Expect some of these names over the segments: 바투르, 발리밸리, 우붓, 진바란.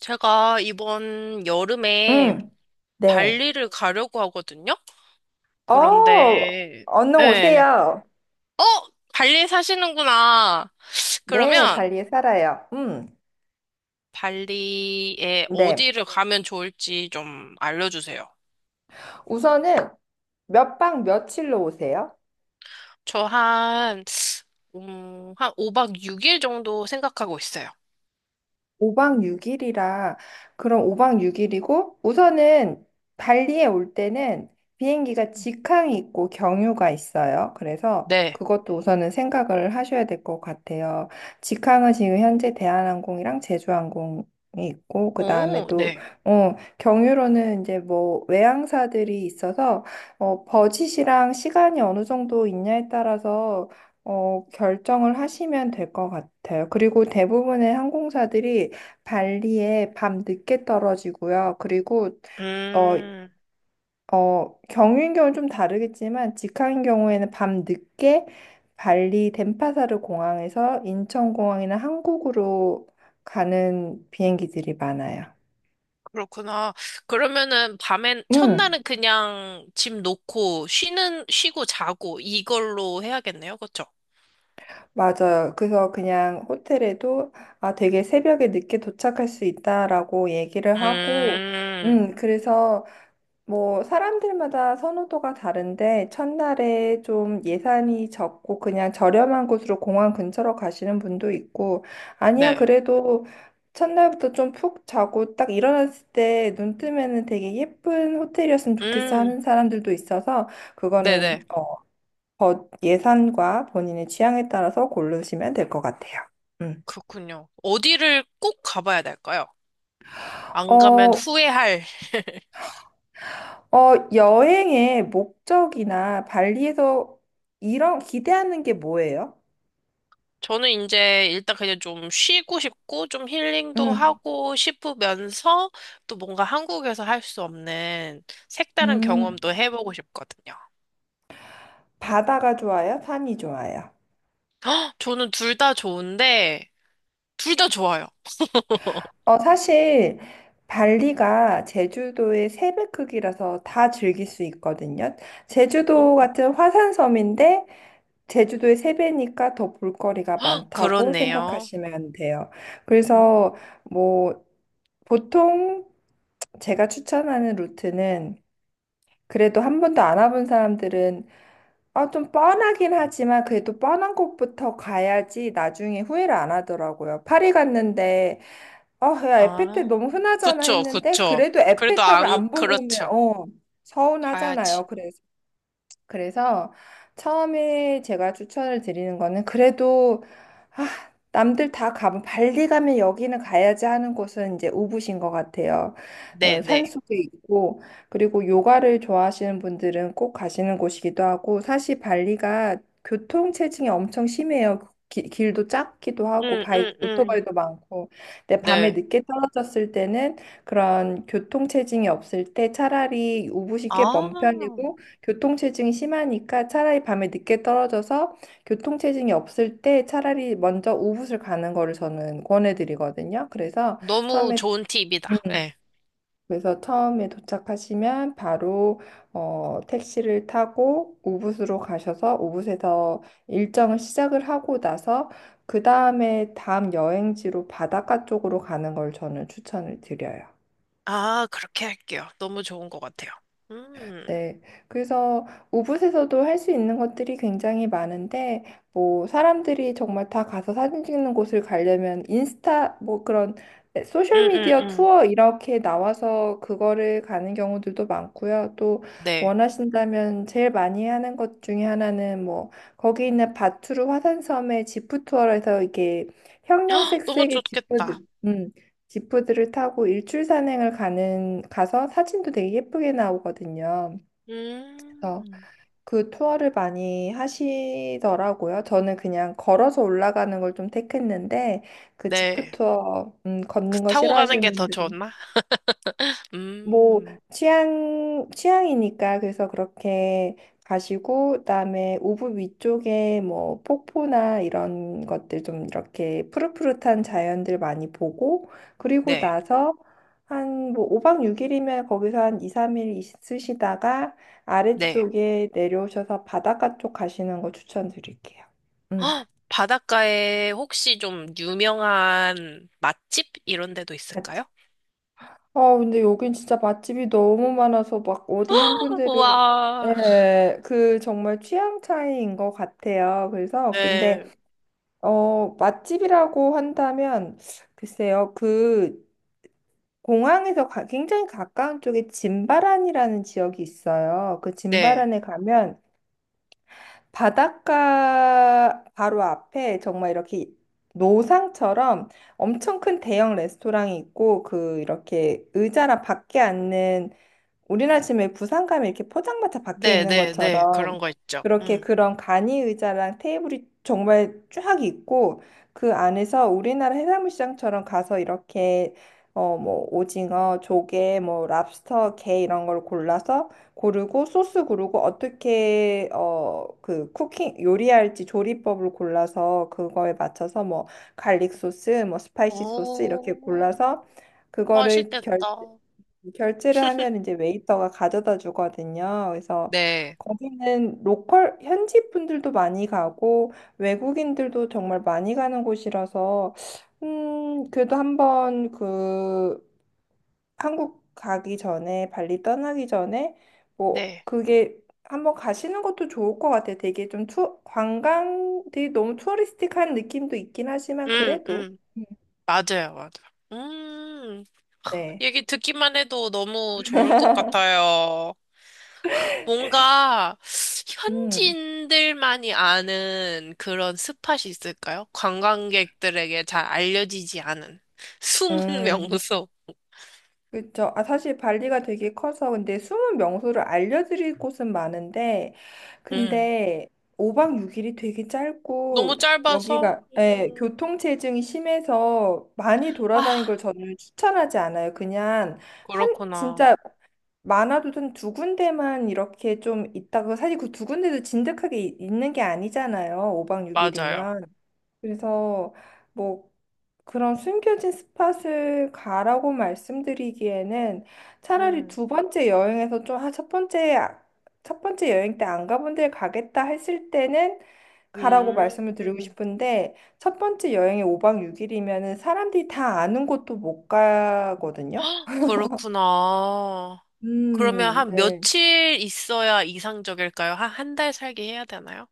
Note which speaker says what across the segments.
Speaker 1: 제가 이번 여름에
Speaker 2: 응, 네.
Speaker 1: 발리를 가려고 하거든요?
Speaker 2: 어,
Speaker 1: 그런데,
Speaker 2: 언능
Speaker 1: 네.
Speaker 2: 오세요.
Speaker 1: 어? 발리 사시는구나.
Speaker 2: 네,
Speaker 1: 그러면
Speaker 2: 발리에 살아요.
Speaker 1: 발리에
Speaker 2: 네.
Speaker 1: 어디를 가면 좋을지 좀 알려주세요.
Speaker 2: 우선은 몇 박 며칠로 오세요?
Speaker 1: 저 한, 한 5박 6일 정도 생각하고 있어요.
Speaker 2: 5박 6일이라 그럼 5박 6일이고 우선은 발리에 올 때는 비행기가 직항이 있고 경유가 있어요. 그래서
Speaker 1: 네.
Speaker 2: 그것도 우선은 생각을 하셔야 될 것 같아요. 직항은 지금 현재 대한항공이랑 제주항공이 있고 그 다음에
Speaker 1: 오,
Speaker 2: 또
Speaker 1: 네.
Speaker 2: 경유로는 이제 뭐 외항사들이 있어서 버짓이랑 시간이 어느 정도 있냐에 따라서 결정을 하시면 될 것 같아요. 그리고 대부분의 항공사들이 발리에 밤 늦게 떨어지고요. 그리고 어,
Speaker 1: 음.
Speaker 2: 경유인 경우는 좀 다르겠지만 직항인 경우에는 밤 늦게 발리 덴파사르 공항에서 인천공항이나 한국으로 가는 비행기들이 많아요.
Speaker 1: 그렇구나. 그러면은 밤엔,
Speaker 2: 음,
Speaker 1: 첫날은 그냥 짐 놓고 쉬고 자고 이걸로 해야겠네요. 그쵸?
Speaker 2: 맞아요. 그래서 그냥 호텔에도 아, 되게 새벽에 늦게 도착할 수 있다라고 얘기를 하고,
Speaker 1: 음,
Speaker 2: 그래서 뭐, 사람들마다 선호도가 다른데, 첫날에 좀 예산이 적고 그냥 저렴한 곳으로 공항 근처로 가시는 분도 있고, 아니야,
Speaker 1: 네.
Speaker 2: 그래도 첫날부터 좀 푹 자고 딱 일어났을 때 눈 뜨면은 되게 예쁜 호텔이었으면 좋겠어
Speaker 1: 음,
Speaker 2: 하는 사람들도 있어서,
Speaker 1: 네네.
Speaker 2: 그거는 예산과 본인의 취향에 따라서 고르시면 될 것 같아요. 음.
Speaker 1: 그렇군요. 어디를 꼭 가봐야 될까요? 안 가면
Speaker 2: 어,
Speaker 1: 후회할.
Speaker 2: 여행의 목적이나 발리에서 이런 기대하는 게 뭐예요?
Speaker 1: 저는 이제 일단 그냥 좀 쉬고 싶고, 좀 힐링도
Speaker 2: 음,
Speaker 1: 하고 싶으면서 또 뭔가 한국에서 할 수 없는 색다른
Speaker 2: 음,
Speaker 1: 경험도 해보고 싶거든요.
Speaker 2: 바다가 좋아요? 산이 좋아요?
Speaker 1: 헉, 저는 둘 다 좋은데, 둘 다 좋아요.
Speaker 2: 사실 발리가 제주도의 세 배 크기라서 다 즐길 수 있거든요. 제주도
Speaker 1: 음,
Speaker 2: 같은 화산섬인데 제주도의 세 배니까 더 볼거리가
Speaker 1: 헉,
Speaker 2: 많다고
Speaker 1: 그렇네요.
Speaker 2: 생각하시면 돼요.
Speaker 1: 음.
Speaker 2: 그래서 뭐 보통 제가 추천하는 루트는 그래도 한 번도 안 와본 사람들은 아, 좀 뻔하긴 하지만 그래도 뻔한 곳부터 가야지 나중에 후회를 안 하더라고요. 파리 갔는데, 야,
Speaker 1: 아,
Speaker 2: 에펠탑 너무 흔하잖아
Speaker 1: 그쵸,
Speaker 2: 했는데,
Speaker 1: 그쵸.
Speaker 2: 그래도
Speaker 1: 그래도
Speaker 2: 에펠탑을
Speaker 1: 안,
Speaker 2: 안 보고 오면,
Speaker 1: 그렇죠. 가야지.
Speaker 2: 서운하잖아요. 그래서 처음에 제가 추천을 드리는 거는 그래도 아, 남들 다 가면 발리 가면 여기는 가야지 하는 곳은 이제 우붓인 것 같아요.
Speaker 1: 네, 네.
Speaker 2: 산속에 있고 그리고 요가를 좋아하시는 분들은 꼭 가시는 곳이기도 하고 사실 발리가 교통 체증이 엄청 심해요. 길도 작기도 하고
Speaker 1: 응, 응, 응.
Speaker 2: 오토바이도 많고 근데 밤에
Speaker 1: 네.
Speaker 2: 늦게 떨어졌을 때는 그런 교통 체증이 없을 때 차라리 우붓이 꽤 먼
Speaker 1: 아,
Speaker 2: 편이고 교통체증이 심하니까 차라리 밤에 늦게 떨어져서 교통체증이 없을 때 차라리 먼저 우붓을 가는 거를 저는 권해드리거든요.
Speaker 1: 너무
Speaker 2: 처음에
Speaker 1: 좋은
Speaker 2: 음,
Speaker 1: 팁이다. 네.
Speaker 2: 그래서 처음에 도착하시면 바로 택시를 타고 우붓으로 가셔서 우붓에서 일정을 시작을 하고 나서 그 다음에 다음 여행지로 바닷가 쪽으로 가는 걸 저는 추천을 드려요.
Speaker 1: 아, 그렇게 할게요. 너무 좋은 것 같아요. 음,
Speaker 2: 네. 그래서 우붓에서도 할 수 있는 것들이 굉장히 많은데, 뭐, 사람들이 정말 다 가서 사진 찍는 곳을 가려면 뭐 그런
Speaker 1: 응, 응,
Speaker 2: 소셜미디어
Speaker 1: 응.
Speaker 2: 투어 이렇게 나와서 그거를 가는 경우들도 많고요. 또
Speaker 1: 네.
Speaker 2: 원하신다면 제일 많이 하는 것 중에 하나는 뭐, 거기 있는 바투르 화산섬의 지프 투어에서 이게
Speaker 1: 헉, 너무
Speaker 2: 형형색색의
Speaker 1: 좋겠다.
Speaker 2: 음, 지프들을 타고 일출 산행을 가는 가서 사진도 되게 예쁘게 나오거든요. 그래서
Speaker 1: 음,
Speaker 2: 그 투어를 많이 하시더라고요. 저는 그냥 걸어서 올라가는 걸 좀 택했는데 그 지프
Speaker 1: 네.
Speaker 2: 투어
Speaker 1: 그
Speaker 2: 걷는 거
Speaker 1: 타고 가는
Speaker 2: 싫어하시는
Speaker 1: 게 더
Speaker 2: 분들은
Speaker 1: 좋나?
Speaker 2: 뭐
Speaker 1: 음,
Speaker 2: 취향이니까 그래서 그렇게 가시고 그다음에 오브 위쪽에 뭐 폭포나 이런 것들 좀 이렇게 푸릇푸릇한 자연들 많이 보고 그리고
Speaker 1: 네,
Speaker 2: 나서 한 뭐 5박 6일이면 거기서 한 2, 3일 있으시다가
Speaker 1: 네.
Speaker 2: 아래쪽에 내려오셔서 바닷가 쪽 가시는 거 추천드릴게요. 음.
Speaker 1: 헉, 바닷가에 혹시 좀 유명한 맛집 이런 데도 있을까요?
Speaker 2: 아, 근데 여긴 진짜 맛집이 너무 많아서 막 어디 한 군데를.
Speaker 1: 우와.
Speaker 2: 예, 그 정말 취향 차이인 것 같아요. 그래서 근데
Speaker 1: 네,
Speaker 2: 맛집이라고 한다면 글쎄요 그 공항에서 굉장히 가까운 쪽에 진바란이라는 지역이 있어요. 그
Speaker 1: 네,
Speaker 2: 진바란에 가면 바닷가 바로 앞에 정말 이렇게 노상처럼 엄청 큰 대형 레스토랑이 있고 그 이렇게 의자랑 밖에 앉는 우리나라 지금 왜 부산 가면 이렇게 포장마차 밖에
Speaker 1: 네,
Speaker 2: 있는
Speaker 1: 네, 네. 그런
Speaker 2: 것처럼
Speaker 1: 거 있죠.
Speaker 2: 그렇게
Speaker 1: 음.
Speaker 2: 그런 간이 의자랑 테이블이 정말 쫙 있고 그 안에서 우리나라 해산물 시장처럼 가서 이렇게 뭐 오징어, 조개, 뭐 랍스터, 게 이런 걸 골라서 고르고 소스 고르고 어떻게 그 쿠킹 요리할지 조리법을 골라서 그거에 맞춰서 뭐 갈릭 소스, 뭐 스파이시 소스 이렇게
Speaker 1: 오,
Speaker 2: 골라서 그거를 결
Speaker 1: 맛있겠다.
Speaker 2: 결제를 하면 이제 웨이터가 가져다 주거든요. 그래서
Speaker 1: 네,
Speaker 2: 거기는 로컬 현지 분들도 많이 가고 외국인들도 정말 많이 가는 곳이라서 그래도 한번 그 한국 가기 전에 발리 떠나기 전에 뭐
Speaker 1: 네.
Speaker 2: 그게 한번 가시는 것도 좋을 것 같아요. 되게 좀 관광 되게 너무 투어리스틱한 느낌도 있긴 하지만
Speaker 1: 음,
Speaker 2: 그래도
Speaker 1: 음.
Speaker 2: 음,
Speaker 1: 맞아요, 맞아요. 음.
Speaker 2: 네.
Speaker 1: 얘기 듣기만 해도 너무 좋을 것 같아요. 뭔가
Speaker 2: 음.
Speaker 1: 현지인들만이 아는 그런 스팟이 있을까요? 관광객들에게 잘 알려지지 않은 숨은
Speaker 2: 음.
Speaker 1: 명소.
Speaker 2: 그렇죠. 아, 사실 발리가 되게 커서 근데 숨은 명소를 알려드릴 곳은 많은데
Speaker 1: 음.
Speaker 2: 근데 5박 6일이 되게
Speaker 1: 너무
Speaker 2: 짧고
Speaker 1: 짧아서?
Speaker 2: 여기가 예,
Speaker 1: 음.
Speaker 2: 교통체증이 심해서 많이
Speaker 1: 아,
Speaker 2: 돌아다닌 걸 저는 추천하지 않아요. 그냥 한
Speaker 1: 그렇구나.
Speaker 2: 진짜 많아도 한 두 군데만 이렇게 좀 있다가 사실 그 두 군데도 진득하게 있는 게 아니잖아요. 5박
Speaker 1: 맞아요.
Speaker 2: 6일이면. 그래서 뭐 그런 숨겨진 스팟을 가라고 말씀드리기에는 차라리
Speaker 1: 음.
Speaker 2: 두 번째 여행에서 좀, 아, 첫 번째 여행 때 안 가본 데 가겠다 했을 때는 가라고 말씀을 드리고
Speaker 1: 음.
Speaker 2: 싶은데 첫 번째 여행이 5박 6일이면은 사람들이 다 아는 곳도 못 가거든요.
Speaker 1: 그렇구나. 그러면 한
Speaker 2: 네.
Speaker 1: 며칠 있어야 이상적일까요? 한 달 살기 해야 되나요?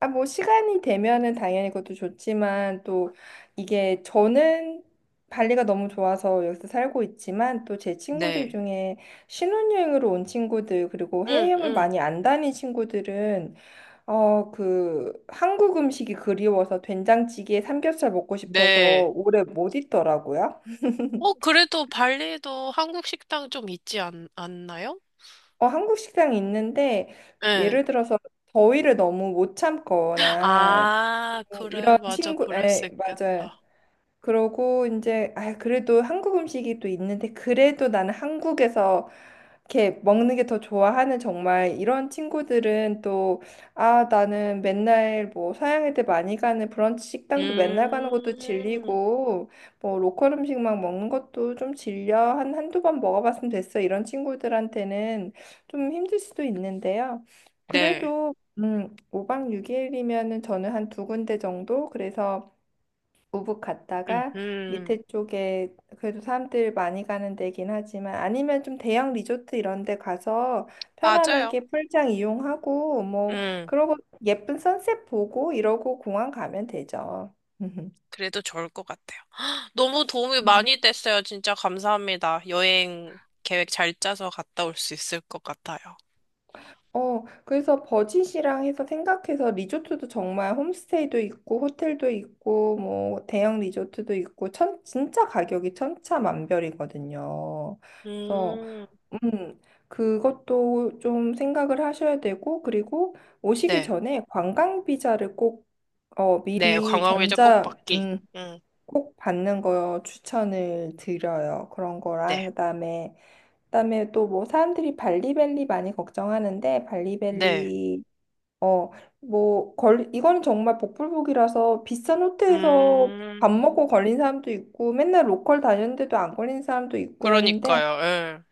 Speaker 2: 아, 뭐, 시간이 되면은 당연히 그것도 좋지만, 또, 이게 저는 발리가 너무 좋아서 여기서 살고 있지만, 또 제 친구들
Speaker 1: 네.
Speaker 2: 중에 신혼여행으로 온 친구들, 그리고
Speaker 1: 응,
Speaker 2: 해외여행을
Speaker 1: 응.
Speaker 2: 많이 안 다닌 친구들은, 한국 음식이 그리워서 된장찌개에 삼겹살 먹고 싶어서
Speaker 1: 네.
Speaker 2: 오래 못 있더라고요.
Speaker 1: 어, 그래도 발리에도 한국 식당 좀 않나요?
Speaker 2: 한국 식당이 있는데,
Speaker 1: 예.
Speaker 2: 예를 들어서 더위를 너무 못 참거나,
Speaker 1: 아,
Speaker 2: 뭐 이런
Speaker 1: 그래, 맞아,
Speaker 2: 친구,
Speaker 1: 그럴 수
Speaker 2: 맞아요.
Speaker 1: 있겠다.
Speaker 2: 그러고 이제 아 그래도 한국 음식이 또 있는데 그래도 나는 한국에서 이렇게 먹는 게 더 좋아하는 정말 이런 친구들은 또 아 나는 맨날 뭐 서양 애들 많이 가는 브런치 식당도 맨날 가는 것도
Speaker 1: 음,
Speaker 2: 질리고 뭐 로컬 음식만 먹는 것도 좀 질려 한 한두 번 먹어봤으면 됐어 이런 친구들한테는 좀 힘들 수도 있는데요.
Speaker 1: 네.
Speaker 2: 그래도 5박 6일이면은 저는 한 두 군데 정도 그래서 우붓
Speaker 1: 음,
Speaker 2: 갔다가
Speaker 1: 음,
Speaker 2: 밑에 쪽에 그래도 사람들 많이 가는 데긴 하지만 아니면 좀 대형 리조트 이런 데 가서
Speaker 1: 맞아요.
Speaker 2: 편안하게 풀장 이용하고 뭐
Speaker 1: 음,
Speaker 2: 그러고 예쁜 선셋 보고 이러고 공항 가면 되죠.
Speaker 1: 그래도 좋을 것 같아요. 헉, 너무 도움이
Speaker 2: 음.
Speaker 1: 많이 됐어요. 진짜 감사합니다. 여행 계획 잘 짜서 갔다 올 수 있을 것 같아요.
Speaker 2: 그래서 버짓이랑 해서 생각해서 리조트도 정말 홈스테이도 있고 호텔도 있고 뭐 대형 리조트도 있고 천 진짜 가격이 천차만별이거든요. 그래서
Speaker 1: 음,
Speaker 2: 음, 그것도 좀 생각을 하셔야 되고, 그리고 오시기
Speaker 1: 네.
Speaker 2: 전에 관광 비자를 꼭
Speaker 1: 네,
Speaker 2: 미리
Speaker 1: 관광비자 꼭
Speaker 2: 전자
Speaker 1: 받기. 음,
Speaker 2: 꼭 받는 거 추천을 드려요. 그런 거랑
Speaker 1: 네.
Speaker 2: 그다음에 또 뭐 사람들이 발리밸리 많이 걱정하는데
Speaker 1: 네.
Speaker 2: 발리밸리 어, 뭐 이건 정말 복불복이라서 비싼 호텔에서 밥
Speaker 1: 음,
Speaker 2: 먹고 걸린 사람도 있고 맨날 로컬 다녔는데도 안 걸린 사람도 있고 하는데
Speaker 1: 그러니까요. 예.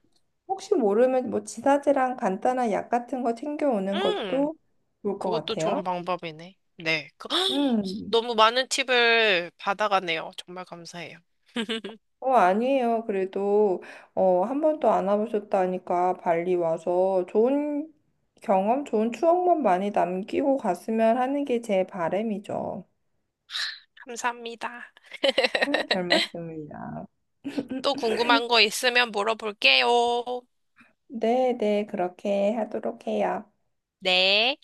Speaker 2: 혹시 모르면 뭐 지사제랑 간단한 약 같은 거 챙겨오는
Speaker 1: 음,
Speaker 2: 것도 좋을 것
Speaker 1: 그것도
Speaker 2: 같아요.
Speaker 1: 좋은 방법이네. 네. 그-
Speaker 2: 음.
Speaker 1: 너무 많은 팁을 받아가네요. 정말 감사해요.
Speaker 2: 아니에요. 그래도 한 번도 안 와보셨다니까 발리 와서 좋은 경험, 좋은 추억만 많이 남기고 갔으면 하는 게 제 바람이죠.
Speaker 1: 감사합니다.
Speaker 2: 잘 맞습니다.
Speaker 1: 또 궁금한 거 있으면 물어볼게요.
Speaker 2: 네, 네, 그렇게 하도록 해요.
Speaker 1: 네.